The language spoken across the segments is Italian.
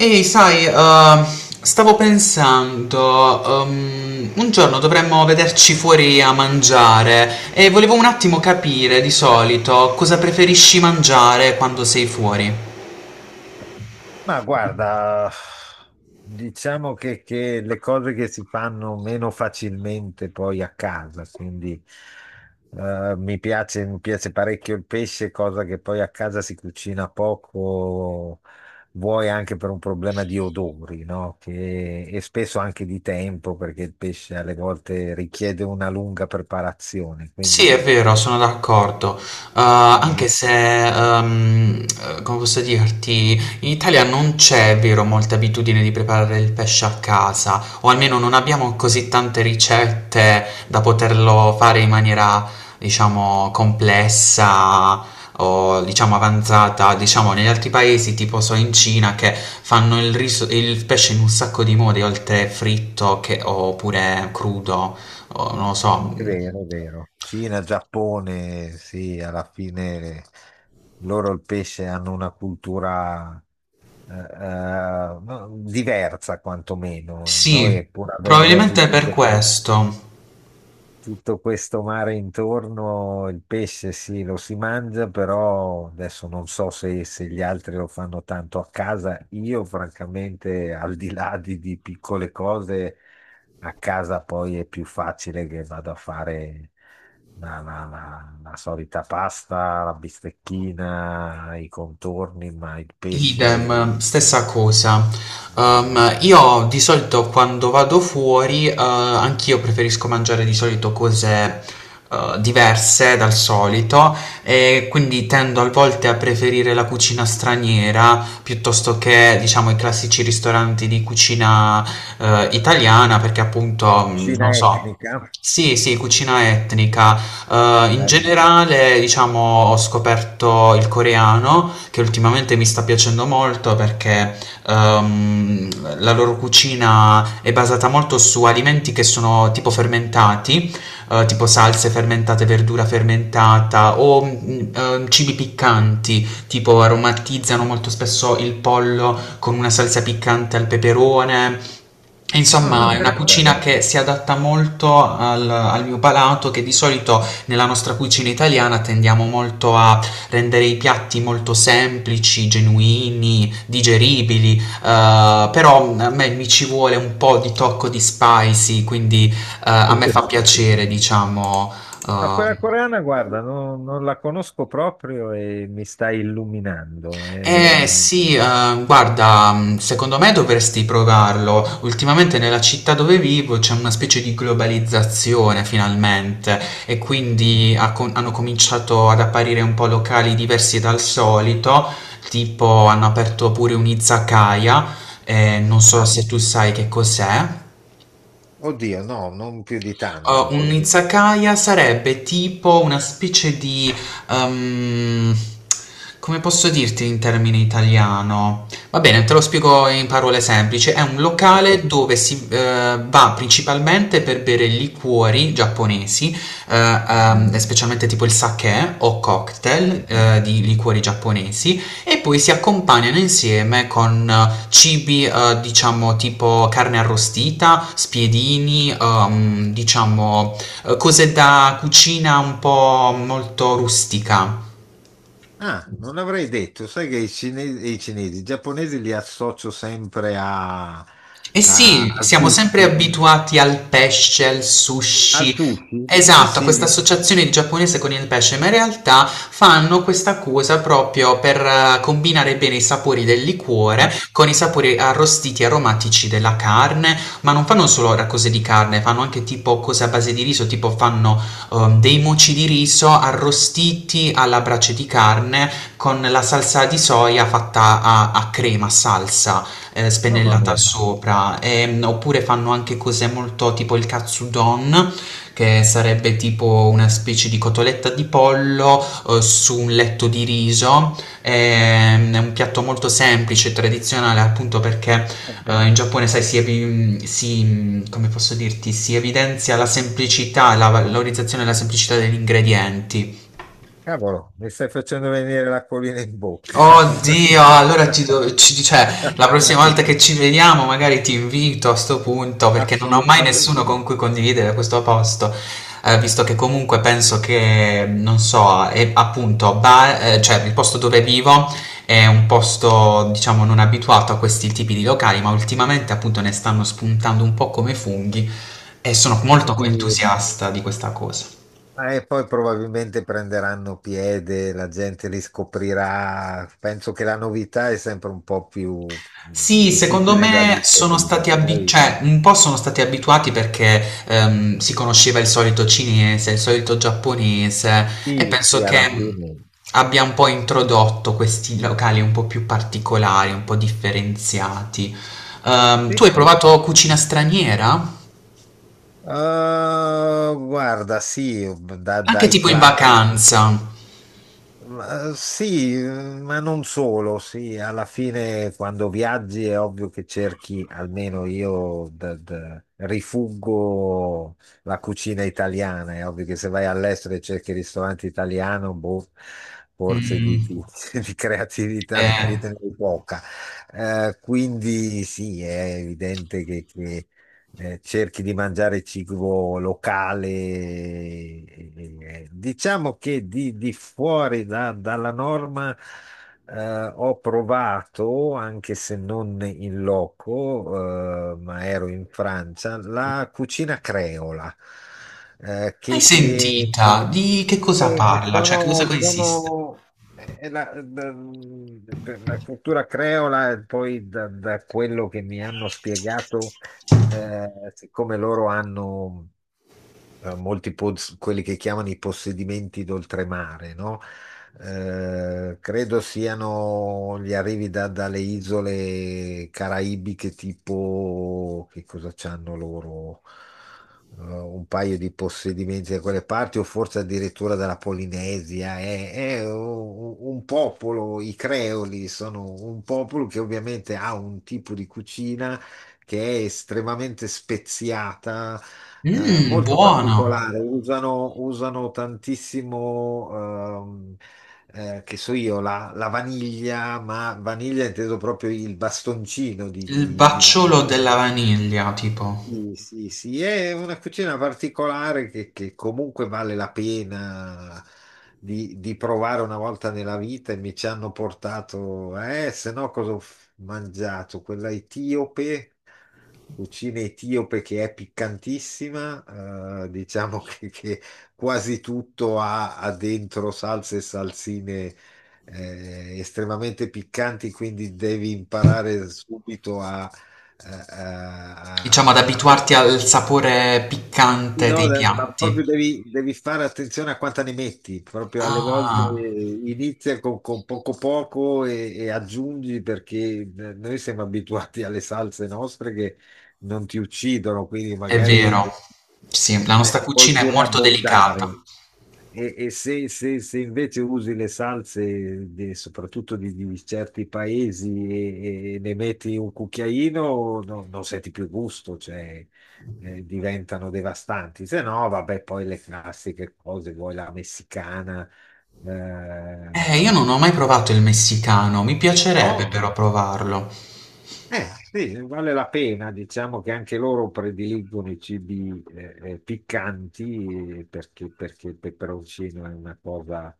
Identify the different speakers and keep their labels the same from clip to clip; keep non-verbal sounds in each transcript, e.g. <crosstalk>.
Speaker 1: Ehi, sai, stavo pensando, un giorno dovremmo vederci fuori a mangiare e volevo un attimo capire di solito cosa preferisci mangiare quando sei fuori.
Speaker 2: Ma guarda, diciamo che le cose che si fanno meno facilmente poi a casa, quindi mi piace parecchio il pesce, cosa che poi a casa si cucina poco, vuoi anche per un problema di odori, no? E spesso anche di tempo, perché il pesce alle volte richiede una lunga preparazione,
Speaker 1: Sì,
Speaker 2: quindi
Speaker 1: è vero, sono d'accordo.
Speaker 2: quando
Speaker 1: Anche se, uhm, come posso dirti, in Italia non c'è, è vero, molta abitudine di preparare il pesce a casa, o almeno non abbiamo così tante ricette da poterlo fare in maniera, diciamo, complessa o diciamo avanzata. Diciamo, negli altri paesi, tipo so in Cina, che fanno il riso il pesce in un sacco di modi, oltre fritto che oppure crudo, o non lo so,
Speaker 2: è
Speaker 1: mhmm.
Speaker 2: vero, è vero. Cina, Giappone, sì, alla fine loro il pesce hanno una cultura eh, eh, no, diversa quantomeno.
Speaker 1: Sì,
Speaker 2: Noi, pur avendo
Speaker 1: probabilmente è per questo.
Speaker 2: tutto questo mare intorno, il pesce sì, lo si mangia, però adesso non so se gli altri lo fanno tanto a casa. Io, francamente, al di là di piccole cose, a casa poi è più facile che vado a fare la solita pasta, la bistecchina, i contorni, ma il pesce.
Speaker 1: Idem, stessa cosa. Io di solito quando vado fuori, anch'io preferisco mangiare di solito cose, diverse dal solito e quindi tendo a volte a preferire la cucina straniera piuttosto che, diciamo, i classici ristoranti di cucina, italiana perché appunto,
Speaker 2: Cucina
Speaker 1: non so.
Speaker 2: etnica,
Speaker 1: Sì, sì, cucina etnica. In
Speaker 2: bello.
Speaker 1: generale, diciamo, ho scoperto il coreano che ultimamente mi sta piacendo molto perché ehm, la loro cucina è basata molto su alimenti che sono tipo fermentati, tipo salse fermentate, verdura fermentata o cibi piccanti, tipo aromatizzano molto spesso il pollo con una salsa piccante al peperone.
Speaker 2: Ah,
Speaker 1: Insomma, è una
Speaker 2: interessante.
Speaker 1: cucina che si adatta molto al, al mio palato, che di solito nella nostra cucina italiana tendiamo molto a rendere i piatti molto semplici, genuini, digeribili, però a me mi ci vuole un po' di tocco di spicy, quindi a me
Speaker 2: Sì,
Speaker 1: fa
Speaker 2: sì,
Speaker 1: piacere,
Speaker 2: sì.
Speaker 1: diciamo.
Speaker 2: No, quella
Speaker 1: eh,
Speaker 2: coreana, guarda, non la conosco proprio e mi sta illuminando. E...
Speaker 1: Eh sì, guarda, secondo me dovresti provarlo. Ultimamente nella città dove vivo c'è una specie di globalizzazione finalmente e quindi hanno cominciato ad apparire un po' locali diversi dal solito, tipo hanno aperto pure un izakaya, non so
Speaker 2: Ah,
Speaker 1: se tu sai che cos'è.
Speaker 2: oddio, no, non più di tanto,
Speaker 1: Un
Speaker 2: quindi,
Speaker 1: izakaya sarebbe tipo una specie di... ehm, come posso dirti in termini italiano? Va bene, te lo spiego in parole semplici. È un
Speaker 2: ok.
Speaker 1: locale dove si va principalmente per bere liquori giapponesi, eh,
Speaker 2: Mm,
Speaker 1: specialmente tipo il sake o cocktail
Speaker 2: sì.
Speaker 1: di liquori giapponesi, e poi si accompagnano insieme con cibi diciamo tipo carne arrostita, spiedini, diciamo cose da cucina un po' molto rustica.
Speaker 2: Ah, non l'avrei detto, sai che i giapponesi li associo sempre a,
Speaker 1: Eh sì,
Speaker 2: al
Speaker 1: siamo sempre
Speaker 2: sushi.
Speaker 1: abituati al pesce, al
Speaker 2: Al
Speaker 1: sushi.
Speaker 2: sushi? Sì,
Speaker 1: Esatto, a questa
Speaker 2: sì.
Speaker 1: associazione di giapponese con il pesce, ma in realtà fanno questa cosa proprio per combinare bene i sapori del liquore
Speaker 2: Ma-
Speaker 1: con i sapori arrostiti e aromatici della carne, ma non fanno solo ora cose di carne, fanno anche tipo cose a base di riso, tipo fanno dei moci di riso arrostiti alla brace di carne con la salsa di soia fatta a, a crema, salsa
Speaker 2: Mamma
Speaker 1: spennellata
Speaker 2: mia.
Speaker 1: sopra. Oppure fanno anche cose molto tipo il katsudon, che sarebbe tipo una specie di cotoletta di pollo su un letto di riso. È un piatto molto semplice, tradizionale, appunto perché
Speaker 2: Eh,
Speaker 1: in Giappone, sai, si, come posso dirti, si evidenzia la semplicità, la valorizzazione e la semplicità degli ingredienti.
Speaker 2: Cavolo, mi stai facendo venire l'acquolina in bocca.
Speaker 1: Oddio, allora cioè, la prossima volta
Speaker 2: <laughs>
Speaker 1: che ci vediamo magari ti invito a sto punto perché non ho mai
Speaker 2: Assolutamente.
Speaker 1: nessuno con cui condividere questo posto, visto che comunque penso che, non so, è appunto, cioè, il posto dove vivo è un posto, diciamo, non abituato a questi tipi di locali, ma ultimamente appunto ne stanno spuntando un po' come funghi e sono
Speaker 2: Eh
Speaker 1: molto
Speaker 2: sì,
Speaker 1: entusiasta di questa cosa.
Speaker 2: ma e poi probabilmente prenderanno piede, la gente li scoprirà. Penso che la novità è sempre un po' più
Speaker 1: Sì, secondo
Speaker 2: difficile da
Speaker 1: me sono stati
Speaker 2: digerire.
Speaker 1: abi
Speaker 2: Poi
Speaker 1: cioè un po' sono stati abituati perché, si conosceva il solito cinese, il solito giapponese e
Speaker 2: sì, sì,
Speaker 1: penso che
Speaker 2: alla fine.
Speaker 1: abbia un po' introdotto questi locali un po' più particolari, un po' differenziati.
Speaker 2: Sì,
Speaker 1: Tu hai
Speaker 2: sì.
Speaker 1: provato cucina straniera?
Speaker 2: Guarda, sì,
Speaker 1: Anche
Speaker 2: dai
Speaker 1: tipo in
Speaker 2: classici.
Speaker 1: vacanza?
Speaker 2: Ma, eh, sì, eh, ma non solo, sì, alla fine quando viaggi è ovvio che cerchi, almeno io rifuggo la cucina italiana, è ovvio che se vai all'estero e cerchi il ristorante italiano, boh, forse
Speaker 1: Mm,
Speaker 2: <laughs> di creatività nella
Speaker 1: eh,
Speaker 2: vita ne hai poca. Quindi sì, è evidente che, cerchi di mangiare cibo locale. Diciamo che di fuori dalla norma ho provato, anche se non in loco, ma ero in Francia, la cucina creola,
Speaker 1: mai
Speaker 2: che
Speaker 1: sentita? Di che cosa
Speaker 2: e
Speaker 1: parla? Cioè, che cosa consiste?
Speaker 2: sono per la cultura creola, e poi da quello che mi hanno spiegato, siccome loro hanno molti quelli che chiamano i possedimenti d'oltremare, no? Credo siano gli arrivi dalle isole caraibiche, tipo che cosa c'hanno loro? Un paio di possedimenti da quelle parti, o forse addirittura dalla Polinesia. Un popolo, i creoli sono un popolo che ovviamente ha un tipo di cucina che è estremamente speziata,
Speaker 1: Mmm,
Speaker 2: molto
Speaker 1: buono.
Speaker 2: particolare, usano tantissimo, che so io, la vaniglia, ma vaniglia inteso proprio il bastoncino
Speaker 1: Il
Speaker 2: di
Speaker 1: "Bacciolo
Speaker 2: vaniglia.
Speaker 1: della vaniglia", tipo.
Speaker 2: Sì, sì, sì, è una cucina particolare che comunque vale la pena di provare una volta nella vita e mi ci hanno portato, se no cosa ho mangiato? Quella etiope, cucina etiope che è piccantissima, diciamo che quasi tutto ha dentro salse e salsine estremamente piccanti, quindi devi imparare subito eh, eh,
Speaker 1: Diciamo ad
Speaker 2: a, a
Speaker 1: abituarti al sapore piccante
Speaker 2: no,
Speaker 1: dei
Speaker 2: ma
Speaker 1: piatti.
Speaker 2: proprio devi fare attenzione a quanta ne metti, proprio alle volte
Speaker 1: Ah,
Speaker 2: inizia con poco poco e aggiungi perché noi siamo abituati alle salse nostre che non ti uccidono, quindi
Speaker 1: è
Speaker 2: magari
Speaker 1: vero. Sì, la nostra
Speaker 2: puoi
Speaker 1: cucina è
Speaker 2: pure
Speaker 1: molto delicata.
Speaker 2: abbondare. Se invece usi le salse, soprattutto di certi paesi, e ne metti un cucchiaino, non senti più gusto, cioè, diventano devastanti. Se no, vabbè, poi le classiche cose, vuoi la messicana,
Speaker 1: Io
Speaker 2: eh,
Speaker 1: non ho mai provato il messicano, mi piacerebbe
Speaker 2: no,
Speaker 1: però provarlo.
Speaker 2: eh, sì, vale la pena, diciamo che anche loro prediligono i cibi piccanti perché il peperoncino è una cosa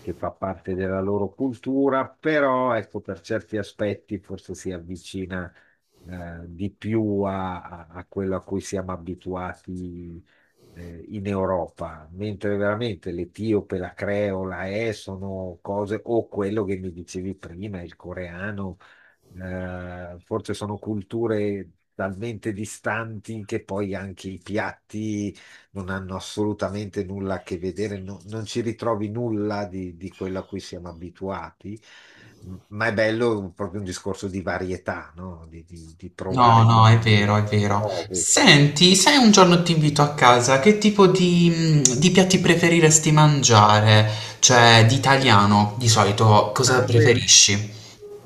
Speaker 2: che fa parte della loro cultura, però ecco, per certi aspetti forse si avvicina di più a, a quello a cui siamo abituati in Europa, mentre veramente l'etiope, la creola, sono cose, o quello che mi dicevi prima, il coreano forse sono culture talmente distanti che poi anche i piatti non hanno assolutamente nulla a che vedere, non ci ritrovi nulla di quello a cui siamo abituati, ma è bello proprio un discorso di varietà, no? Di
Speaker 1: No,
Speaker 2: provare
Speaker 1: no, è
Speaker 2: cose
Speaker 1: vero, è vero.
Speaker 2: nuove.
Speaker 1: Senti, se un giorno ti invito a casa, che tipo di, di piatti preferiresti mangiare? Cioè, di italiano, di solito,
Speaker 2: Ma
Speaker 1: cosa
Speaker 2: vedi?
Speaker 1: preferisci?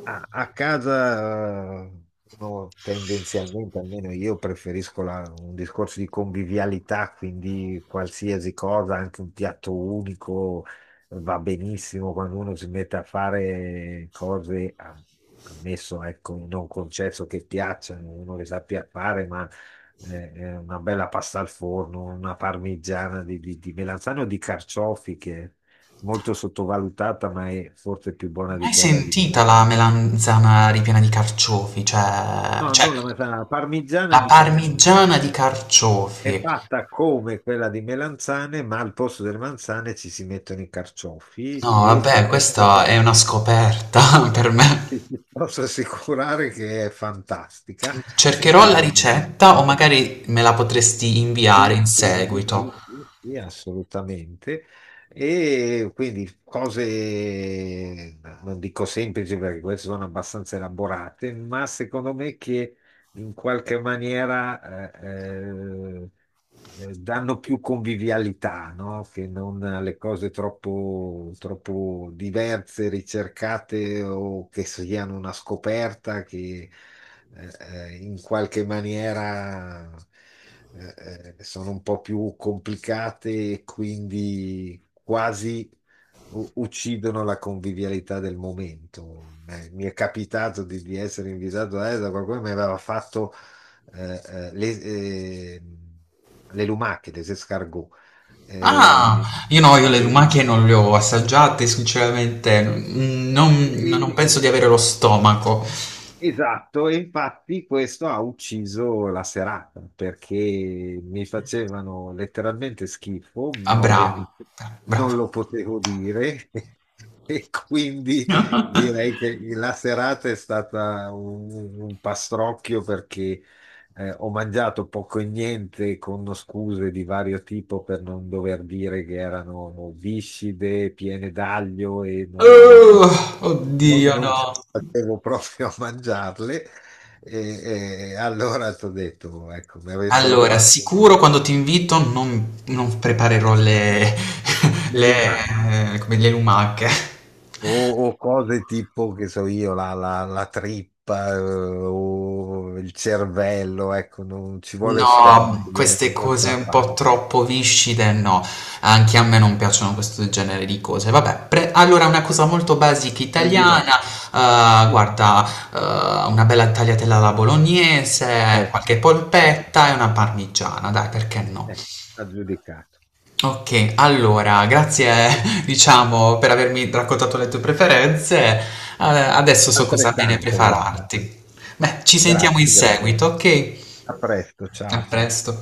Speaker 2: A, a casa uno tendenzialmente, almeno io preferisco un discorso di convivialità, quindi qualsiasi cosa, anche un piatto unico va benissimo quando uno si mette a fare cose, ammesso, ecco, non concesso che piacciono, uno le sappia fare, ma una bella pasta al forno, una parmigiana di melanzane o di carciofi che è molto sottovalutata, ma è forse più buona di
Speaker 1: Hai
Speaker 2: quella di
Speaker 1: sentita
Speaker 2: melanzane.
Speaker 1: la melanzana ripiena di carciofi? Cioè,
Speaker 2: No,
Speaker 1: cioè,
Speaker 2: non la melanzana, la parmigiana
Speaker 1: la
Speaker 2: di carciofi.
Speaker 1: parmigiana di carciofi.
Speaker 2: È fatta come quella di melanzane, ma al posto delle manzane ci si mettono i carciofi
Speaker 1: No,
Speaker 2: e
Speaker 1: vabbè, questa è una scoperta <laughs> per me.
Speaker 2: ti posso assicurare che è fantastica, se
Speaker 1: Cercherò la
Speaker 2: piace.
Speaker 1: ricetta o magari me la potresti inviare
Speaker 2: Sì,
Speaker 1: in
Speaker 2: sì, sì,
Speaker 1: seguito.
Speaker 2: sì, sì, sì, assolutamente. E quindi cose, non dico semplici perché queste sono abbastanza elaborate, ma secondo me che in qualche maniera... danno più convivialità, no? Che non le cose troppo, troppo diverse, ricercate o che siano una scoperta che in qualche maniera sono un po' più complicate e quindi quasi uccidono la convivialità del momento. Mi è capitato di essere invitato a ESA, qualcuno mi aveva fatto eh, eh, le, eh, le lumache, les escargots.
Speaker 1: Ah,
Speaker 2: Eh,
Speaker 1: io no, io le
Speaker 2: e-
Speaker 1: lumache non le ho assaggiate, sinceramente, non,
Speaker 2: e-
Speaker 1: non
Speaker 2: e-
Speaker 1: penso di avere lo stomaco.
Speaker 2: Esatto, e infatti questo ha ucciso la serata perché mi facevano letteralmente schifo,
Speaker 1: Ah,
Speaker 2: ma
Speaker 1: bravo,
Speaker 2: ovviamente <laughs>
Speaker 1: bravo.
Speaker 2: non lo potevo dire <laughs> e quindi direi che la serata è stata un pastrocchio perché ho mangiato poco e niente con scuse di vario tipo per non dover dire che erano viscide, piene d'aglio e non
Speaker 1: Oh,
Speaker 2: non
Speaker 1: oddio,
Speaker 2: non
Speaker 1: no.
Speaker 2: ce la facevo <laughs> proprio a mangiarle e allora ti ho detto, ecco, mi avessero
Speaker 1: Allora,
Speaker 2: fatto
Speaker 1: sicuro quando ti invito non preparerò
Speaker 2: <laughs>
Speaker 1: le <laughs>
Speaker 2: le
Speaker 1: le
Speaker 2: lumache
Speaker 1: come le lumache.
Speaker 2: o cose tipo, che so io, la trippa o il cervello, ecco, non ci vuole lo
Speaker 1: No,
Speaker 2: stomaco, io
Speaker 1: queste
Speaker 2: non ce
Speaker 1: cose
Speaker 2: la
Speaker 1: un
Speaker 2: faccio.
Speaker 1: po' troppo viscide no, anche a me non piacciono questo genere di cose. Vabbè, pre allora una cosa molto basic
Speaker 2: Prendi no.
Speaker 1: italiana,
Speaker 2: <laughs>
Speaker 1: guarda, una bella tagliatella alla bolognese,
Speaker 2: Ecco,
Speaker 1: qualche polpetta e una parmigiana, dai, perché no?
Speaker 2: ecco, aggiudicato.
Speaker 1: Ok, allora, grazie, <laughs> diciamo, per avermi raccontato le tue preferenze. Adesso so cosa bene
Speaker 2: Altrettanto, guarda.
Speaker 1: prepararti. Beh, ci sentiamo in
Speaker 2: Grazie, grazie.
Speaker 1: seguito, ok?
Speaker 2: A presto,
Speaker 1: A
Speaker 2: ciao.
Speaker 1: presto.